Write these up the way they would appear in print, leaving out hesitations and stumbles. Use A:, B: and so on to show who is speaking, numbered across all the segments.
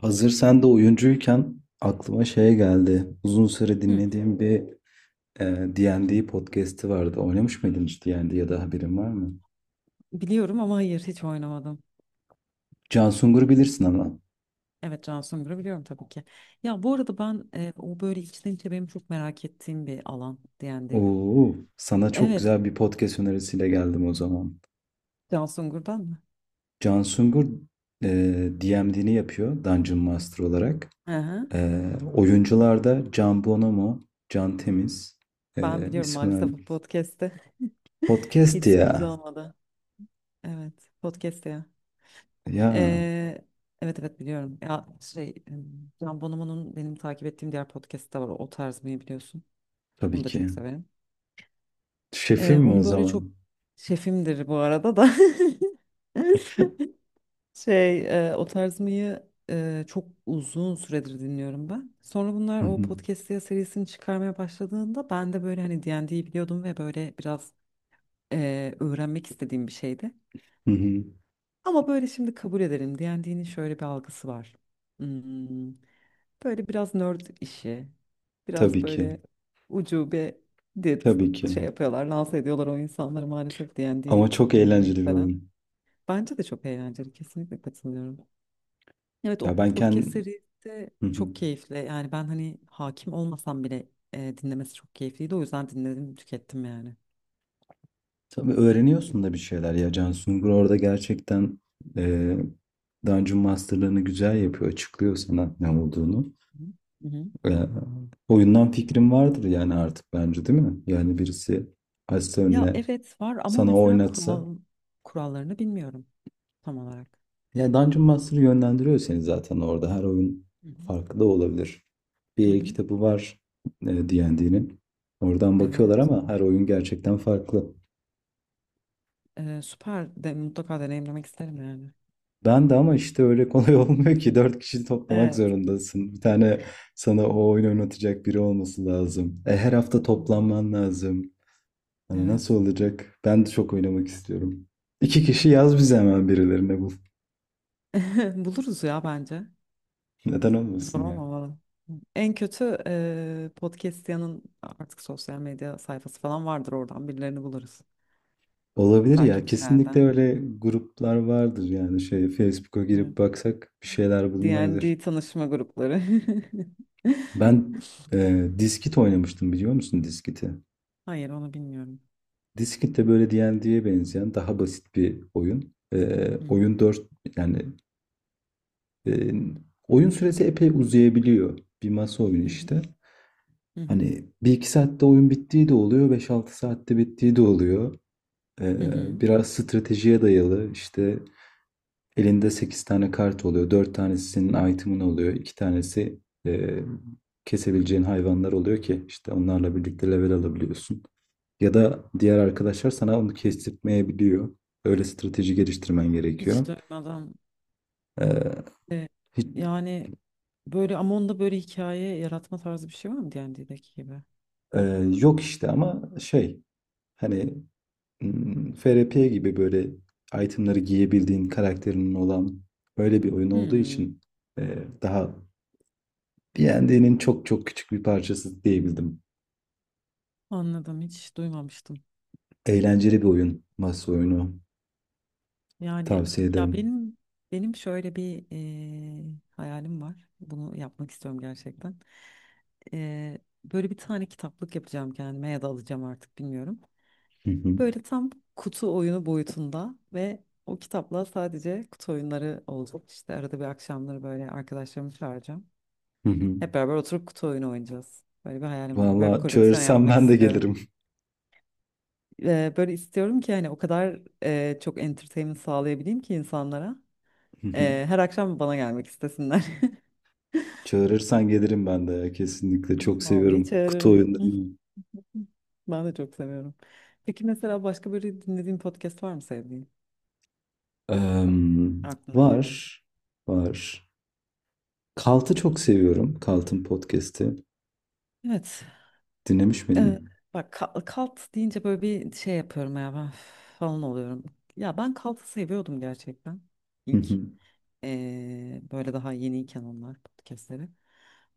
A: Hazır sen de oyuncuyken aklıma şey geldi. Uzun süre
B: Hı,
A: dinlediğim bir D&D podcast'i vardı. Oynamış mıydın hiç D&D ya da haberin var mı?
B: biliyorum ama hayır hiç oynamadım.
A: Can Sungur'u bilirsin ama.
B: Evet Can Sungur'u biliyorum tabii ki. Ya bu arada ben o böyle içten içe benim çok merak ettiğim bir alan D&D.
A: Oo, sana çok
B: Evet
A: güzel bir podcast önerisiyle geldim o zaman.
B: Can Sungur'dan mı?
A: Can Sungur e, DMD'ni yapıyor Dungeon Master olarak.
B: Hı hı.
A: Oyuncularda Can Bonomo, Can Temiz,
B: Ben biliyorum
A: İsmail.
B: maalesef bu podcast'te.
A: Podcast
B: Hiç
A: ya.
B: sürpriz olmadı. Evet podcast'te ya.
A: Ya
B: Ee, evet evet biliyorum. Ya şey Can Bonomo'nun benim takip ettiğim diğer podcast'te var. O tarz mı biliyorsun. Onu
A: tabii
B: da çok
A: ki.
B: severim.
A: Şefim
B: Ee,
A: mi o
B: onu böyle çok
A: zaman?
B: şefimdir bu arada da. Şey, o tarz mıyı çok uzun süredir dinliyorum ben. Sonra bunlar o podcast diye serisini çıkarmaya başladığında ben de böyle hani D&D'yi biliyordum ve böyle biraz öğrenmek istediğim bir şeydi.
A: Hı hı.
B: Ama böyle şimdi kabul edelim D&D'nin şöyle bir algısı var. Hmm, böyle biraz nerd işi, biraz
A: Tabii ki.
B: böyle ucube dit
A: Tabii ki.
B: şey yapıyorlar, lanse ediyorlar o insanları maalesef
A: Ama
B: D&D
A: çok
B: oynamayı
A: eğlenceli bir
B: seven.
A: oyun.
B: Bence de çok eğlenceli, kesinlikle katılıyorum. Evet o
A: Ya ben
B: podcast
A: kendim...
B: serisi de
A: Hı hı.
B: çok keyifli. Yani ben hani hakim olmasam bile dinlemesi çok keyifliydi. O yüzden dinledim, tükettim yani.
A: Tabii öğreniyorsun da bir şeyler ya. Can Sungur orada gerçekten eee Dungeon Master'larını güzel yapıyor. Açıklıyor sana ne olduğunu.
B: Hı hı.
A: Eee, Oyundan fikrim vardır yani artık bence, değil mi? Yani birisi açsa
B: Ya
A: önüne,
B: evet var ama
A: sana
B: mesela
A: oynatsa.
B: kurallarını bilmiyorum tam olarak.
A: Ya, Dungeon Master'ı yönlendiriyor seni zaten orada. Her oyun
B: Hı hı.
A: farklı da olabilir.
B: Hı
A: Bir el
B: hı.
A: kitabı var D&D'nin. Oradan bakıyorlar
B: Evet.
A: ama her oyun gerçekten farklı.
B: Süper de mutlaka deneyimlemek isterim yani.
A: Ben de ama işte öyle kolay olmuyor ki. Dört kişi toplamak
B: Evet.
A: zorundasın. Bir tane sana o oyunu oynatacak biri olması lazım. E, her hafta
B: Hı.
A: toplanman lazım. Hani nasıl
B: Evet.
A: olacak? Ben de çok oynamak istiyorum. İki kişi yaz bize, hemen birilerine bul.
B: Buluruz ya bence.
A: Neden
B: Zor
A: olmasın ya?
B: olmamalı. En kötü podcastiyanın artık sosyal medya sayfası falan vardır oradan birilerini buluruz.
A: Olabilir ya.
B: Takipçilerden.
A: Kesinlikle öyle gruplar vardır, yani şey, Facebook'a
B: Evet.
A: girip baksak bir şeyler bulunabilir.
B: D&D tanışma grupları.
A: Ben Diskit oynamıştım, biliyor musun Diskit'i?
B: Hayır onu bilmiyorum.
A: Diskit de böyle D&D'ye benzeyen daha basit bir oyun. E,
B: Hı hı,
A: oyun 4 Yani e, oyun süresi epey uzayabiliyor. Bir masa oyunu
B: hı hı,
A: işte.
B: hı hı,
A: Hani bir iki saatte oyun bittiği de oluyor, beş altı saatte bittiği de oluyor. E,
B: hı hı.
A: biraz stratejiye dayalı işte. Elinde 8 tane kart oluyor. Dört tanesi senin item'ın oluyor. İki tanesi e, kesebileceğin hayvanlar oluyor ki işte onlarla birlikte level alabiliyorsun. Ya da diğer arkadaşlar sana onu kestirtmeyebiliyor. Öyle strateji geliştirmen gerekiyor.
B: Hiç duymadan.
A: E,
B: e,
A: hiç-
B: yani böyle ama onda böyle hikaye yaratma tarzı bir şey var mı D&D'deki gibi?
A: e, Yok işte, ama şey, hani FRP gibi, böyle itemları giyebildiğin karakterinin olan böyle bir oyun olduğu
B: Hmm,
A: için daha D&D'nin çok çok küçük bir parçası diyebildim.
B: anladım hiç duymamıştım.
A: Eğlenceli bir oyun. Masa oyunu.
B: Yani
A: Tavsiye
B: ya
A: ederim.
B: benim şöyle bir hayalim var. Bunu yapmak istiyorum gerçekten. E, böyle bir tane kitaplık yapacağım kendime ya da alacağım artık bilmiyorum.
A: Hı hı.
B: Böyle tam kutu oyunu boyutunda ve o kitapla sadece kutu oyunları olacak. İşte arada bir akşamları böyle arkadaşlarımı çağıracağım.
A: Hı hı.
B: Hep beraber oturup kutu oyunu oynayacağız. Böyle bir hayalim var. Böyle bir
A: Valla
B: koleksiyon
A: çağırırsan
B: yapmak
A: ben de
B: istiyorum.
A: gelirim.
B: Böyle istiyorum ki hani o kadar çok entertainment sağlayabileyim ki insanlara.
A: Hı hı.
B: Her akşam bana gelmek istesinler.
A: Çağırırsan gelirim ben de ya. Kesinlikle çok
B: Vallahi
A: seviyorum kutu
B: çağırırım.
A: oyunlarını.
B: Ben de çok seviyorum. Peki mesela başka böyle dinlediğin podcast var mı sevdiğin?
A: Em,
B: Aklına
A: Var.
B: gelen.
A: Var. Kalt'ı çok seviyorum. Kalt'ın podcast'i.
B: Evet.
A: Dinlemiş
B: Ee,
A: miydin?
B: bak kalt deyince böyle bir şey yapıyorum ya ben falan oluyorum. Ya ben kaltı seviyordum gerçekten.
A: Hı
B: İlk
A: hı.
B: böyle daha yeniyken onlar podcastleri.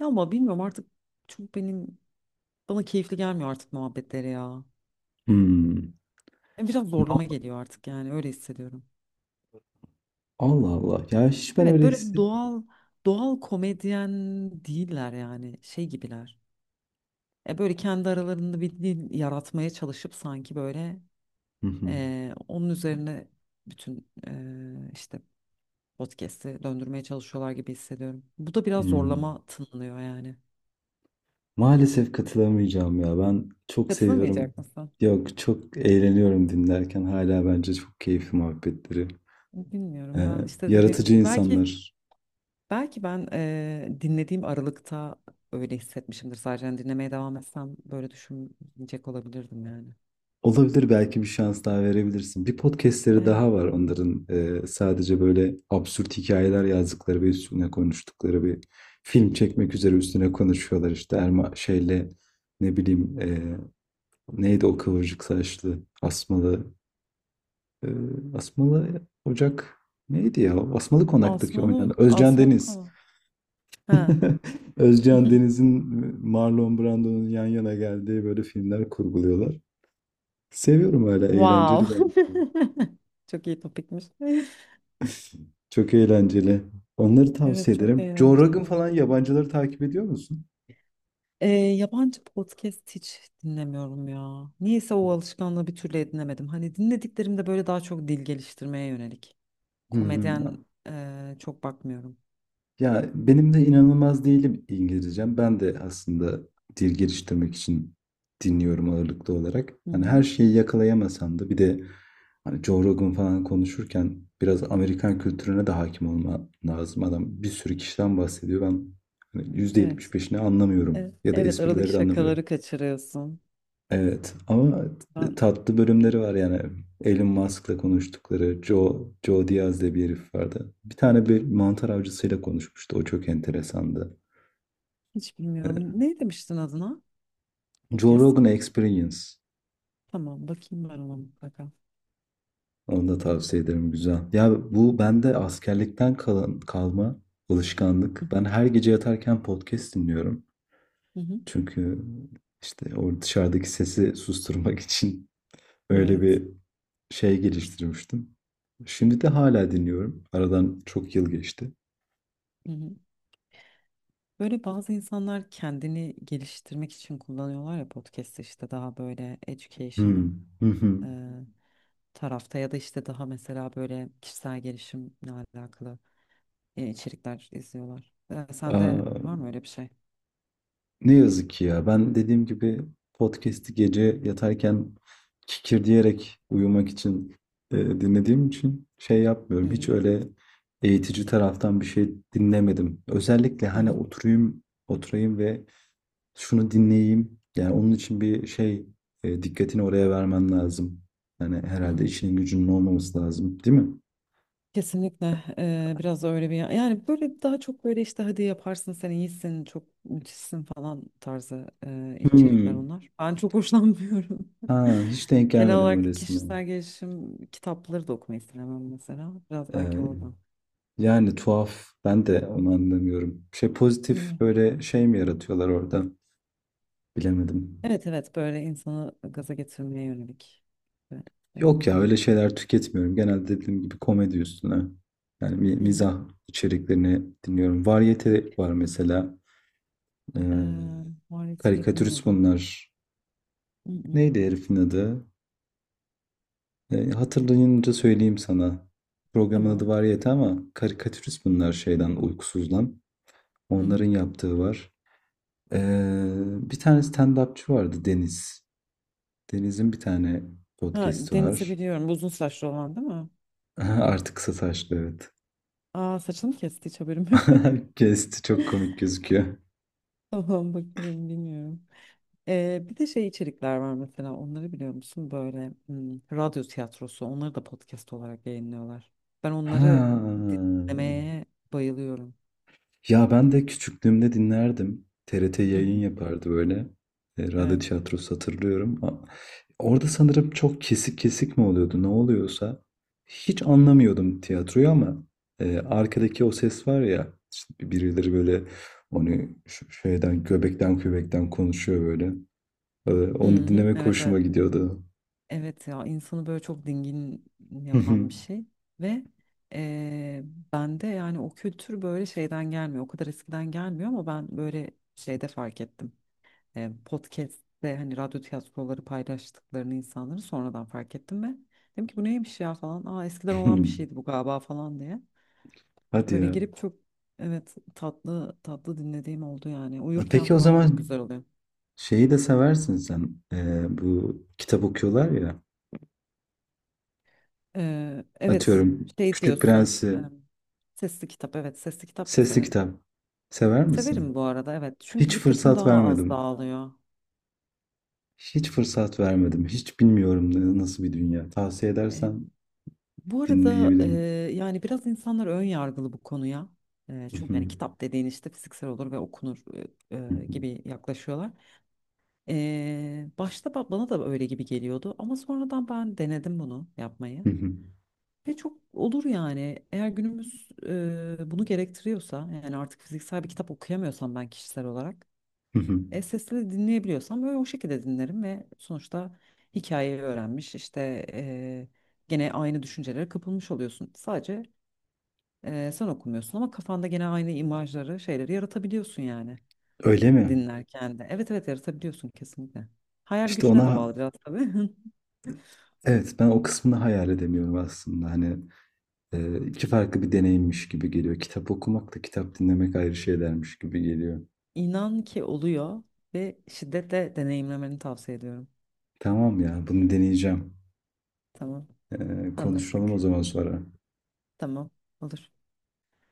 B: Ya ama bilmiyorum artık çok benim bana keyifli gelmiyor artık muhabbetleri ya.
A: Hmm.
B: Yani biraz
A: Ne-
B: zorlama geliyor artık yani öyle hissediyorum.
A: Allah Allah. Ya hiç ben
B: Evet
A: öyle
B: böyle
A: hissetmiyorum.
B: doğal doğal komedyen değiller yani şey gibiler. Böyle kendi aralarında bir dil yaratmaya çalışıp sanki böyle
A: Hı hı.
B: Onun üzerine bütün işte podcast'i döndürmeye çalışıyorlar gibi hissediyorum. Bu da biraz
A: Hmm.
B: zorlama tınlıyor yani.
A: Maalesef katılamayacağım ya. Ben çok seviyorum.
B: Katılamayacak mısın?
A: Yok, çok eğleniyorum dinlerken. Hala bence çok keyifli muhabbetleri.
B: Bilmiyorum
A: Ee,
B: ben işte dediğim
A: Yaratıcı
B: gibi belki
A: insanlar.
B: ben dinlediğim aralıkta öyle hissetmişimdir sadece. Yani dinlemeye devam etsem böyle düşünecek olabilirdim yani.
A: Olabilir, belki bir şans daha verebilirsin. Bir podcastleri
B: Evet.
A: daha var onların. Sadece böyle absürt hikayeler yazdıkları ve üstüne konuştukları bir film çekmek üzere üstüne konuşuyorlar işte. Erma şeyle, ne bileyim, neydi o kıvırcık saçlı asmalı... Ee, Asmalı Ocak, neydi ya? Asmalı Konak'taki oynayan
B: Asmanı
A: Özcan
B: Asmanı
A: Deniz.
B: konu. Ha.
A: Özcan Deniz'in Marlon Brando'nun yan yana geldiği böyle filmler kurguluyorlar. Seviyorum, öyle
B: Wow.
A: eğlenceli bence.
B: Çok iyi topikmiş.
A: Çok eğlenceli. Onları
B: Evet
A: tavsiye
B: çok
A: ederim. Joe Rogan
B: eğlenceli.
A: falan, yabancıları takip ediyor musun?
B: Yabancı podcast hiç dinlemiyorum ya. Niyeyse o alışkanlığı bir türlü edinemedim. Hani dinlediklerim de böyle daha çok dil geliştirmeye yönelik.
A: Hı hı.
B: Komedyen çok bakmıyorum.
A: Ya benim de inanılmaz değilim İngilizcem. Ben de aslında dil geliştirmek için dinliyorum ağırlıklı olarak.
B: Hı
A: Hani
B: hı.
A: her şeyi yakalayamasam da, bir de hani Joe Rogan falan konuşurken biraz Amerikan kültürüne de hakim olma lazım. Adam bir sürü kişiden bahsediyor. Ben hani yüzde
B: Evet.
A: yetmiş beşini anlamıyorum
B: Evet,
A: ya da
B: evet aradaki
A: esprileri de anlamıyorum.
B: şakaları kaçırıyorsun.
A: Evet ama
B: Ben
A: tatlı bölümleri var yani. Elon Musk'la konuştukları, Joe Diaz diye bir herif vardı. Bir tane bir mantar avcısıyla konuşmuştu. O çok enteresandı.
B: hiç bilmiyorum. Ne demiştin adına
A: Joe Rogan
B: podcast'ın?
A: Experience.
B: Tamam bakayım ben ona mutlaka.
A: Onu da tavsiye ederim. Güzel. Ya bu bende askerlikten kalma
B: Hı
A: alışkanlık. Ben
B: hı,
A: her gece yatarken podcast dinliyorum.
B: hı hı.
A: Çünkü işte o dışarıdaki sesi susturmak için öyle
B: Evet.
A: bir şey geliştirmiştim. Şimdi de hala dinliyorum. Aradan çok yıl geçti.
B: Hı hı. Böyle bazı insanlar kendini geliştirmek için kullanıyorlar ya podcast'ı işte daha böyle educational.
A: Hmm. Hı hı.
B: e, tarafta ya da işte daha mesela böyle kişisel gelişimle alakalı içerikler izliyorlar. Sende
A: Aa,
B: var mı öyle bir şey?
A: Ne yazık ki ya. Ben dediğim gibi podcast'i gece yatarken kikir diyerek uyumak için dinlediğim için şey
B: Hı
A: yapmıyorum. Hiç
B: hı.
A: öyle eğitici taraftan bir şey dinlemedim. Özellikle
B: Hı
A: hani,
B: hı.
A: oturayım, oturayım ve şunu dinleyeyim. Yani onun için bir şey, dikkatini oraya vermen lazım. Yani
B: Hı
A: herhalde
B: hı.
A: işinin gücünün olmaması lazım, değil mi?
B: Kesinlikle biraz da öyle bir yani böyle daha çok böyle işte hadi yaparsın sen iyisin çok müthişsin falan tarzı içerikler
A: Hmm.
B: onlar. Ben çok hoşlanmıyorum.
A: Ha, hiç denk
B: Genel
A: gelmedim
B: olarak
A: öylesine.
B: kişisel gelişim kitapları da okumayı sevmem mesela. Biraz belki
A: Ee,
B: oradan.
A: Yani tuhaf. Ben de onu anlamıyorum. Şey, pozitif
B: Evet.
A: böyle şey mi yaratıyorlar orada? Bilemedim.
B: Evet evet böyle insanı gaza getirmeye yönelik. Ve, e,
A: Yok ya, öyle şeyler tüketmiyorum. Genelde dediğim gibi komedi üstüne. Yani
B: hı hı.
A: mizah içeriklerini dinliyorum. Varyete var mesela.
B: E,
A: Ee,
B: Muhalefeti
A: Karikatürist
B: duymadım.
A: bunlar.
B: Hı hı.
A: Neydi herifin adı? E, hatırlayınca söyleyeyim sana. Programın adı
B: Tamam.
A: Variyete, ama karikatürist bunlar şeyden, uykusuzdan.
B: Hı
A: Onların
B: hı.
A: yaptığı var. E, bir tane stand-upçı vardı, Deniz. Deniz'in bir tane
B: Ha,
A: podcast'i
B: Deniz'i
A: var.
B: biliyorum. Uzun saçlı olan değil mi?
A: Artık kısa saçlı, evet.
B: Aa, saçını kesti hiç haberim yok.
A: Kesti, çok komik gözüküyor.
B: Tamam bakarım bilmiyorum. Bir de şey içerikler var mesela onları biliyor musun? Böyle radyo tiyatrosu onları da podcast olarak yayınlıyorlar. Ben
A: Ha.
B: onları dinlemeye bayılıyorum.
A: Ya ben de küçüklüğümde dinlerdim. TRT
B: Hı
A: yayın
B: hı.
A: yapardı böyle. Radyo
B: Evet.
A: tiyatrosu hatırlıyorum. Orada sanırım çok kesik kesik mi oluyordu, ne oluyorsa. Hiç anlamıyordum tiyatroyu ama arkadaki o ses var ya, işte birileri böyle onu şeyden, göbekten göbekten konuşuyor böyle. E,
B: Hı
A: onu
B: hı.
A: dinlemek
B: Evet
A: hoşuma
B: evet.
A: gidiyordu.
B: Evet ya insanı böyle çok dingin yapan bir şey ve eee bende yani o kültür böyle şeyden gelmiyor o kadar eskiden gelmiyor ama ben böyle şeyde fark ettim. Podcast'te hani radyo tiyatroları paylaştıklarını insanları sonradan fark ettim ve dedim ki bu neymiş ya falan aa eskiden olan bir şeydi bu galiba falan diye
A: Hadi
B: böyle
A: ya.
B: girip çok evet tatlı tatlı dinlediğim oldu yani uyurken
A: Peki o
B: falan çok
A: zaman,
B: güzel oluyor.
A: şeyi de seversin sen. Bu kitap okuyorlar ya.
B: Evet
A: Atıyorum
B: şey
A: Küçük
B: diyorsun
A: Prens'i,
B: sesli kitap evet sesli kitap da
A: sesli
B: severim.
A: kitap sever misin?
B: Severim bu arada evet çünkü
A: Hiç
B: dikkatim
A: fırsat
B: daha az
A: vermedim.
B: dağılıyor.
A: Hiç fırsat vermedim. Hiç bilmiyorum nasıl bir dünya. Tavsiye
B: Ee,
A: edersen
B: bu arada
A: dinleyebilirim.
B: yani biraz insanlar ön yargılı bu konuya. Çünkü yani kitap dediğin işte fiziksel olur ve okunur e, gibi yaklaşıyorlar. Başta bana da öyle gibi geliyordu ama sonradan ben denedim bunu yapmayı. Ve çok olur yani. Eğer günümüz bunu gerektiriyorsa yani artık fiziksel bir kitap okuyamıyorsam ben kişisel olarak sesli dinleyebiliyorsam böyle o şekilde dinlerim ve sonuçta hikayeyi öğrenmiş işte gene aynı düşüncelere kapılmış oluyorsun. Sadece sen okumuyorsun ama kafanda gene aynı imajları şeyleri yaratabiliyorsun yani
A: Öyle mi?
B: dinlerken de. Evet evet yaratabiliyorsun kesinlikle. Hayal
A: İşte
B: gücüne de
A: ona
B: bağlı biraz tabii.
A: evet, ben o kısmını hayal edemiyorum aslında. Hani iki farklı bir deneyimmiş gibi geliyor. Kitap okumak da kitap dinlemek ayrı şeylermiş gibi geliyor.
B: İnan ki oluyor ve şiddetle deneyimlemeni tavsiye ediyorum.
A: Tamam ya, bunu deneyeceğim.
B: Tamam.
A: E, konuşalım o
B: Anlaştık.
A: zaman sonra.
B: Tamam. Olur.